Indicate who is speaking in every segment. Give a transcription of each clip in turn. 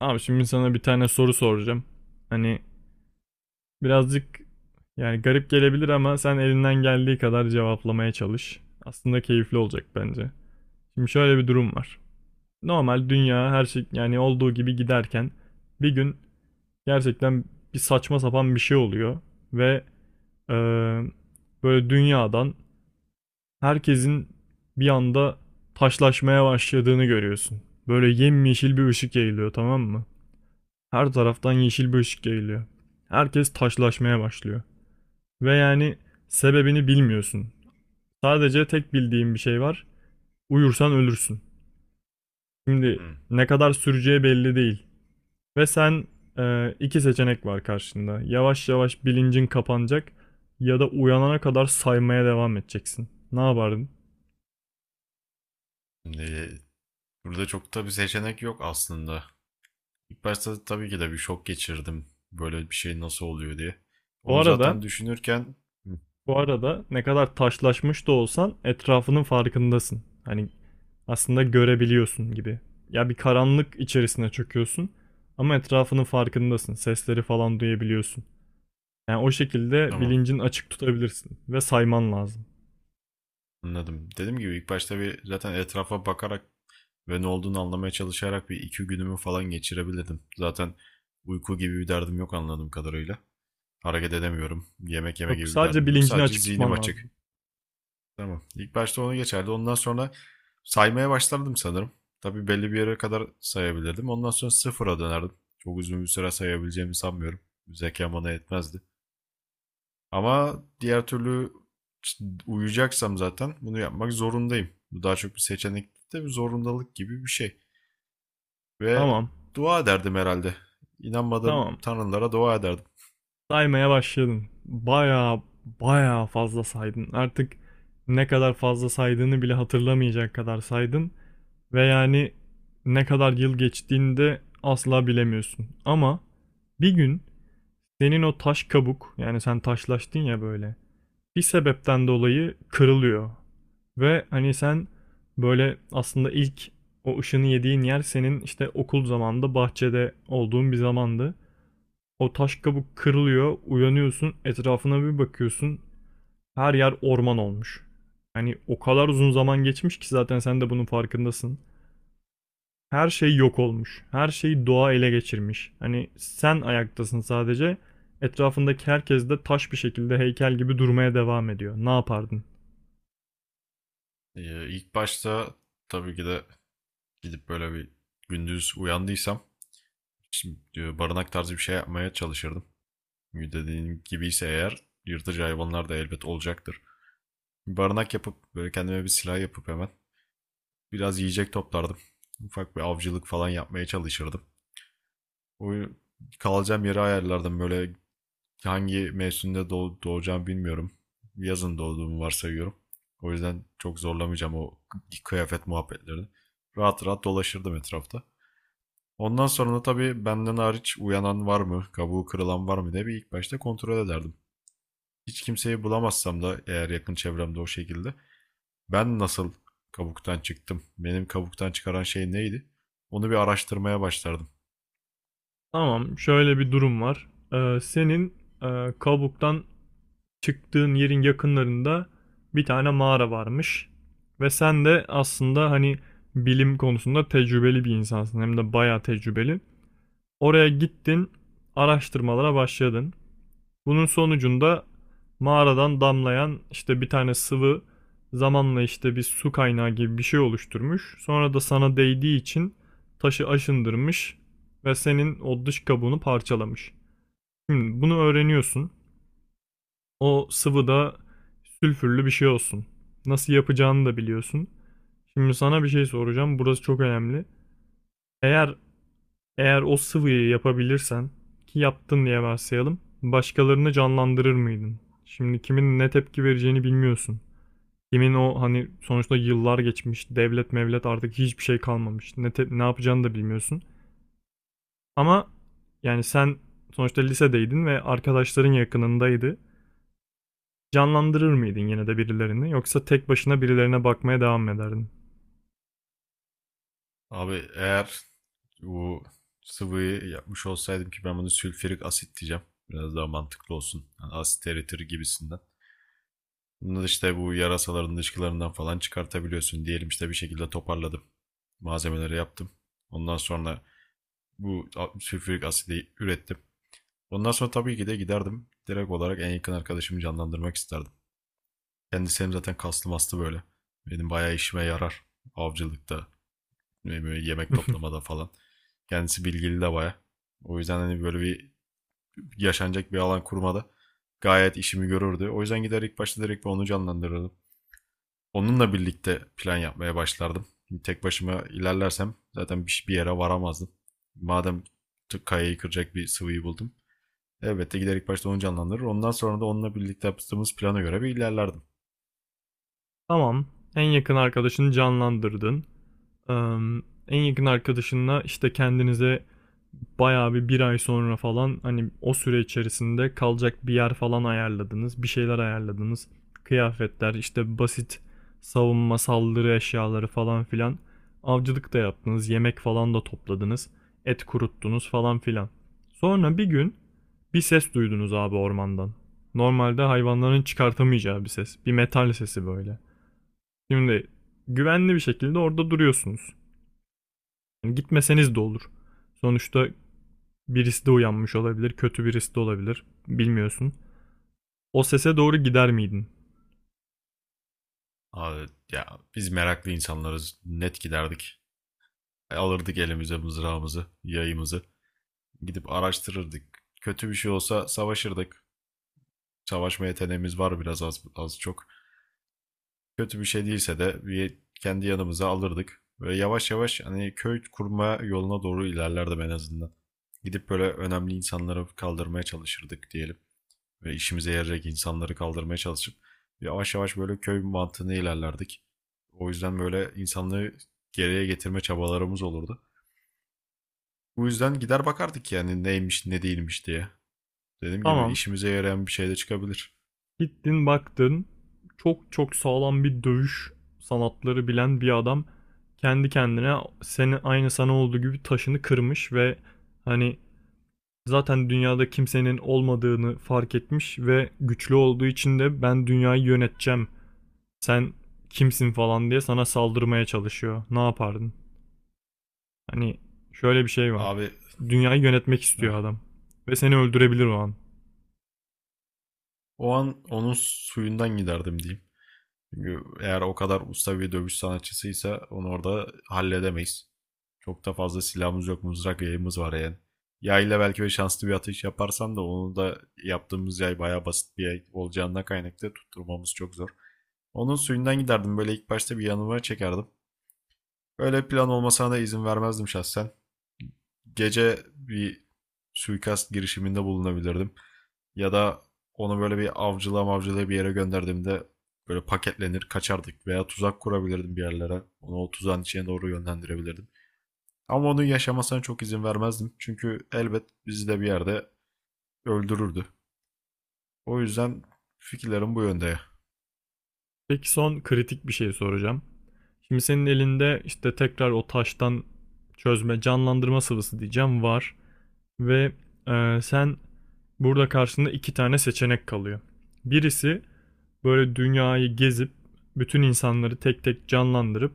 Speaker 1: Abi şimdi sana bir tane soru soracağım. Hani birazcık yani garip gelebilir ama sen elinden geldiği kadar cevaplamaya çalış. Aslında keyifli olacak bence. Şimdi şöyle bir durum var. Normal dünya her şey yani olduğu gibi giderken bir gün gerçekten bir saçma sapan bir şey oluyor ve eee, böyle dünyadan herkesin bir anda taşlaşmaya başladığını görüyorsun. Böyle yemyeşil bir ışık yayılıyor, tamam mı? Her taraftan yeşil bir ışık yayılıyor. Herkes taşlaşmaya başlıyor. Ve yani sebebini bilmiyorsun. Sadece tek bildiğin bir şey var. Uyursan ölürsün. Şimdi
Speaker 2: Hmm.
Speaker 1: ne kadar süreceği belli değil. Ve sen iki seçenek var karşında. Yavaş yavaş bilincin kapanacak ya da uyanana kadar saymaya devam edeceksin. Ne yapardın?
Speaker 2: Şimdi burada çok da bir seçenek yok aslında. İlk başta tabii ki de bir şok geçirdim. Böyle bir şey nasıl oluyor diye.
Speaker 1: Bu
Speaker 2: Onu
Speaker 1: arada,
Speaker 2: zaten düşünürken. Hı,
Speaker 1: bu arada ne kadar taşlaşmış da olsan etrafının farkındasın. Hani aslında görebiliyorsun gibi. Ya bir karanlık içerisine çöküyorsun ama etrafının farkındasın. Sesleri falan duyabiliyorsun. Yani o şekilde
Speaker 2: tamam,
Speaker 1: bilincini açık tutabilirsin ve sayman lazım.
Speaker 2: anladım. Dediğim gibi ilk başta bir zaten etrafa bakarak ve ne olduğunu anlamaya çalışarak bir iki günümü falan geçirebilirdim. Zaten uyku gibi bir derdim yok anladığım kadarıyla. Hareket edemiyorum. Yemek yeme
Speaker 1: Yok,
Speaker 2: gibi bir
Speaker 1: sadece
Speaker 2: derdim yok.
Speaker 1: bilincini
Speaker 2: Sadece
Speaker 1: açık
Speaker 2: zihnim
Speaker 1: tutman
Speaker 2: açık.
Speaker 1: lazım.
Speaker 2: Tamam. İlk başta onu geçerdi. Ondan sonra saymaya başlardım sanırım. Tabii belli bir yere kadar sayabilirdim. Ondan sonra sıfıra dönerdim. Çok uzun bir süre sayabileceğimi sanmıyorum. Zekam bana yetmezdi. Ama diğer türlü işte uyuyacaksam zaten bunu yapmak zorundayım. Bu daha çok bir seçenek de bir zorundalık gibi bir şey. Ve
Speaker 1: Tamam.
Speaker 2: dua ederdim herhalde. İnanmadığım
Speaker 1: Tamam.
Speaker 2: tanrılara dua ederdim.
Speaker 1: Saymaya başladın. Baya baya fazla saydın. Artık ne kadar fazla saydığını bile hatırlamayacak kadar saydın ve yani ne kadar yıl geçtiğini de asla bilemiyorsun. Ama bir gün senin o taş kabuk, yani sen taşlaştın ya, böyle bir sebepten dolayı kırılıyor. Ve hani sen böyle aslında ilk o ışını yediğin yer senin işte okul zamanında bahçede olduğun bir zamandı. O taş kabuk kırılıyor, uyanıyorsun, etrafına bir bakıyorsun. Her yer orman olmuş. Hani o kadar uzun zaman geçmiş ki zaten sen de bunun farkındasın. Her şey yok olmuş. Her şeyi doğa ele geçirmiş. Hani sen ayaktasın sadece. Etrafındaki herkes de taş bir şekilde heykel gibi durmaya devam ediyor. Ne yapardın?
Speaker 2: İlk başta tabii ki de gidip böyle bir gündüz uyandıysam, Şimdi barınak tarzı bir şey yapmaya çalışırdım. Dediğin gibi ise eğer yırtıcı hayvanlar da elbet olacaktır. Barınak yapıp böyle kendime bir silah yapıp hemen biraz yiyecek toplardım. Ufak bir avcılık falan yapmaya çalışırdım. O kalacağım yeri ayarlardım böyle hangi mevsimde doğacağım bilmiyorum. Yazın doğduğumu varsayıyorum. O yüzden çok zorlamayacağım o kıyafet muhabbetlerini. Rahat rahat dolaşırdım etrafta. Ondan sonra da tabii benden hariç uyanan var mı, kabuğu kırılan var mı diye bir ilk başta kontrol ederdim. Hiç kimseyi bulamazsam da eğer yakın çevremde o şekilde ben nasıl kabuktan çıktım, benim kabuktan çıkaran şey neydi? Onu bir araştırmaya başlardım.
Speaker 1: Tamam, şöyle bir durum var. Senin kabuktan çıktığın yerin yakınlarında bir tane mağara varmış. Ve sen de aslında hani bilim konusunda tecrübeli bir insansın. Hem de bayağı tecrübeli. Oraya gittin, araştırmalara başladın. Bunun sonucunda mağaradan damlayan işte bir tane sıvı zamanla işte bir su kaynağı gibi bir şey oluşturmuş. Sonra da sana değdiği için taşı aşındırmış ve senin o dış kabuğunu parçalamış. Şimdi bunu öğreniyorsun. O sıvı da sülfürlü bir şey olsun. Nasıl yapacağını da biliyorsun. Şimdi sana bir şey soracağım. Burası çok önemli. Eğer Eğer o sıvıyı yapabilirsen, ki yaptın diye varsayalım, başkalarını canlandırır mıydın? Şimdi kimin ne tepki vereceğini bilmiyorsun. Kimin o, hani sonuçta yıllar geçmiş, devlet mevlet artık hiçbir şey kalmamış. Ne yapacağını da bilmiyorsun. Ama yani sen sonuçta lisedeydin ve arkadaşların yakınındaydı. Canlandırır mıydın yine de birilerini, yoksa tek başına birilerine bakmaya devam ederdin?
Speaker 2: Abi eğer bu sıvıyı yapmış olsaydım ki ben bunu sülfürik asit diyeceğim. Biraz daha mantıklı olsun. Yani asit eritir gibisinden. Bunu da işte bu yarasaların dışkılarından falan çıkartabiliyorsun. Diyelim işte bir şekilde toparladım. Malzemeleri yaptım. Ondan sonra bu sülfürik asidi ürettim. Ondan sonra tabii ki de giderdim. Direkt olarak en yakın arkadaşımı canlandırmak isterdim. Kendisi hem zaten kaslı mastı böyle. Benim bayağı işime yarar. Avcılıkta ve yemek toplamada falan. Kendisi bilgili de bayağı. O yüzden hani böyle bir yaşanacak bir alan kurmada gayet işimi görürdü. O yüzden gider ilk başta direkt onu canlandırırdım. Onunla birlikte plan yapmaya başlardım. Şimdi tek başıma ilerlersem zaten bir yere varamazdım. Madem kayayı kıracak bir sıvıyı buldum. Elbette giderek başta onu canlandırır, ondan sonra da onunla birlikte yaptığımız plana göre bir ilerlerdim.
Speaker 1: Tamam. En yakın arkadaşını canlandırdın. Eee, en yakın arkadaşınla işte kendinize bayağı bir ay sonra falan, hani o süre içerisinde kalacak bir yer falan ayarladınız. Bir şeyler ayarladınız. Kıyafetler, işte basit savunma, saldırı eşyaları falan filan. Avcılık da yaptınız. Yemek falan da topladınız. Et kuruttunuz falan filan. Sonra bir gün bir ses duydunuz abi ormandan. Normalde hayvanların çıkartamayacağı bir ses. Bir metal sesi böyle. Şimdi güvenli bir şekilde orada duruyorsunuz. Yani gitmeseniz de olur. Sonuçta birisi de uyanmış olabilir, kötü birisi de olabilir. Bilmiyorsun. O sese doğru gider miydin?
Speaker 2: Abi, ya biz meraklı insanlarız. Net giderdik. Alırdık elimize mızrağımızı, yayımızı. Gidip araştırırdık. Kötü bir şey olsa savaşırdık. Savaşma yeteneğimiz var biraz az çok. Kötü bir şey değilse de bir kendi yanımıza alırdık. Böyle yavaş yavaş hani köy kurma yoluna doğru ilerlerdim en azından. Gidip böyle önemli insanları kaldırmaya çalışırdık diyelim. Ve işimize yarayacak insanları kaldırmaya çalışıp yavaş yavaş böyle köy mantığına ilerlerdik. O yüzden böyle insanlığı geriye getirme çabalarımız olurdu. Bu yüzden gider bakardık yani neymiş ne değilmiş diye. Dediğim gibi
Speaker 1: Tamam.
Speaker 2: işimize yarayan bir şey de çıkabilir.
Speaker 1: Gittin baktın. Çok çok sağlam bir dövüş sanatları bilen bir adam kendi kendine, senin aynı sana olduğu gibi, taşını kırmış ve hani zaten dünyada kimsenin olmadığını fark etmiş ve güçlü olduğu için de ben dünyayı yöneteceğim, sen kimsin falan diye sana saldırmaya çalışıyor. Ne yapardın? Hani şöyle bir şey var.
Speaker 2: Abi,
Speaker 1: Dünyayı yönetmek
Speaker 2: heh,
Speaker 1: istiyor adam. Ve seni öldürebilir o an.
Speaker 2: o an onun suyundan giderdim diyeyim. Çünkü eğer o kadar usta bir dövüş sanatçısıysa onu orada halledemeyiz. Çok da fazla silahımız yok, mızrak yayımız var yani. Yayla belki ve şanslı bir atış yaparsam da onu da, yaptığımız yay bayağı basit bir yay olacağından kaynaklı, tutturmamız çok zor. Onun suyundan giderdim, böyle ilk başta bir yanıma çekerdim. Böyle plan olmasına da izin vermezdim şahsen, gece bir suikast girişiminde bulunabilirdim. Ya da onu böyle bir avcılığa mavcılığa bir yere gönderdiğimde böyle paketlenir kaçardık, veya tuzak kurabilirdim bir yerlere. Onu o tuzağın içine doğru yönlendirebilirdim. Ama onun yaşamasına çok izin vermezdim. Çünkü elbet bizi de bir yerde öldürürdü. O yüzden fikirlerim bu yönde.
Speaker 1: Peki son kritik bir şey soracağım. Şimdi senin elinde işte tekrar o taştan çözme, canlandırma sıvısı diyeceğim var. Ve sen burada karşında iki tane seçenek kalıyor. Birisi böyle dünyayı gezip bütün insanları tek tek canlandırıp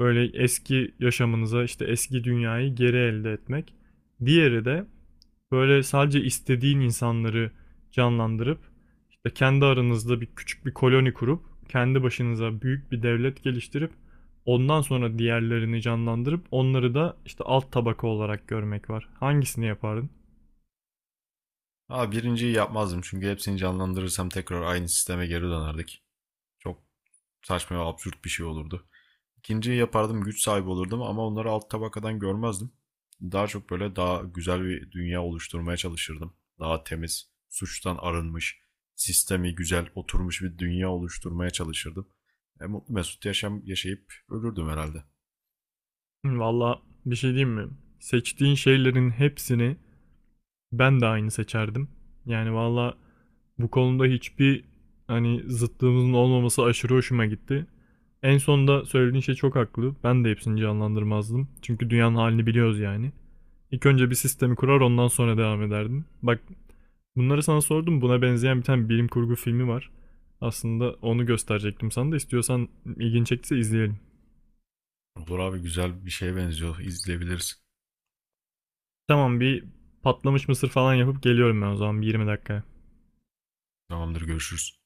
Speaker 1: böyle eski yaşamınıza işte eski dünyayı geri elde etmek. Diğeri de böyle sadece istediğin insanları canlandırıp işte kendi aranızda bir küçük bir koloni kurup kendi başınıza büyük bir devlet geliştirip ondan sonra diğerlerini canlandırıp onları da işte alt tabaka olarak görmek var. Hangisini yapardın?
Speaker 2: Ha, birinciyi yapmazdım çünkü hepsini canlandırırsam tekrar aynı sisteme geri dönerdik. Çok saçma ve absürt bir şey olurdu. İkinciyi yapardım, güç sahibi olurdum, ama onları alt tabakadan görmezdim. Daha çok böyle daha güzel bir dünya oluşturmaya çalışırdım. Daha temiz, suçtan arınmış, sistemi güzel oturmuş bir dünya oluşturmaya çalışırdım. Mutlu mesut yaşam yaşayıp ölürdüm herhalde.
Speaker 1: Hı, valla bir şey diyeyim mi? Seçtiğin şeylerin hepsini ben de aynı seçerdim. Yani valla bu konuda hiçbir hani zıtlığımızın olmaması aşırı hoşuma gitti. En sonunda söylediğin şey çok haklı. Ben de hepsini canlandırmazdım. Çünkü dünyanın halini biliyoruz yani. İlk önce bir sistemi kurar ondan sonra devam ederdim. Bak, bunları sana sordum. Buna benzeyen bir tane bilim kurgu filmi var. Aslında onu gösterecektim sana da, istiyorsan ilgin çektiyse izleyelim.
Speaker 2: Olur abi, güzel bir şeye benziyor. İzleyebiliriz.
Speaker 1: Tamam, bir patlamış mısır falan yapıp geliyorum ben o zaman bir 20 dakika.
Speaker 2: Tamamdır, görüşürüz.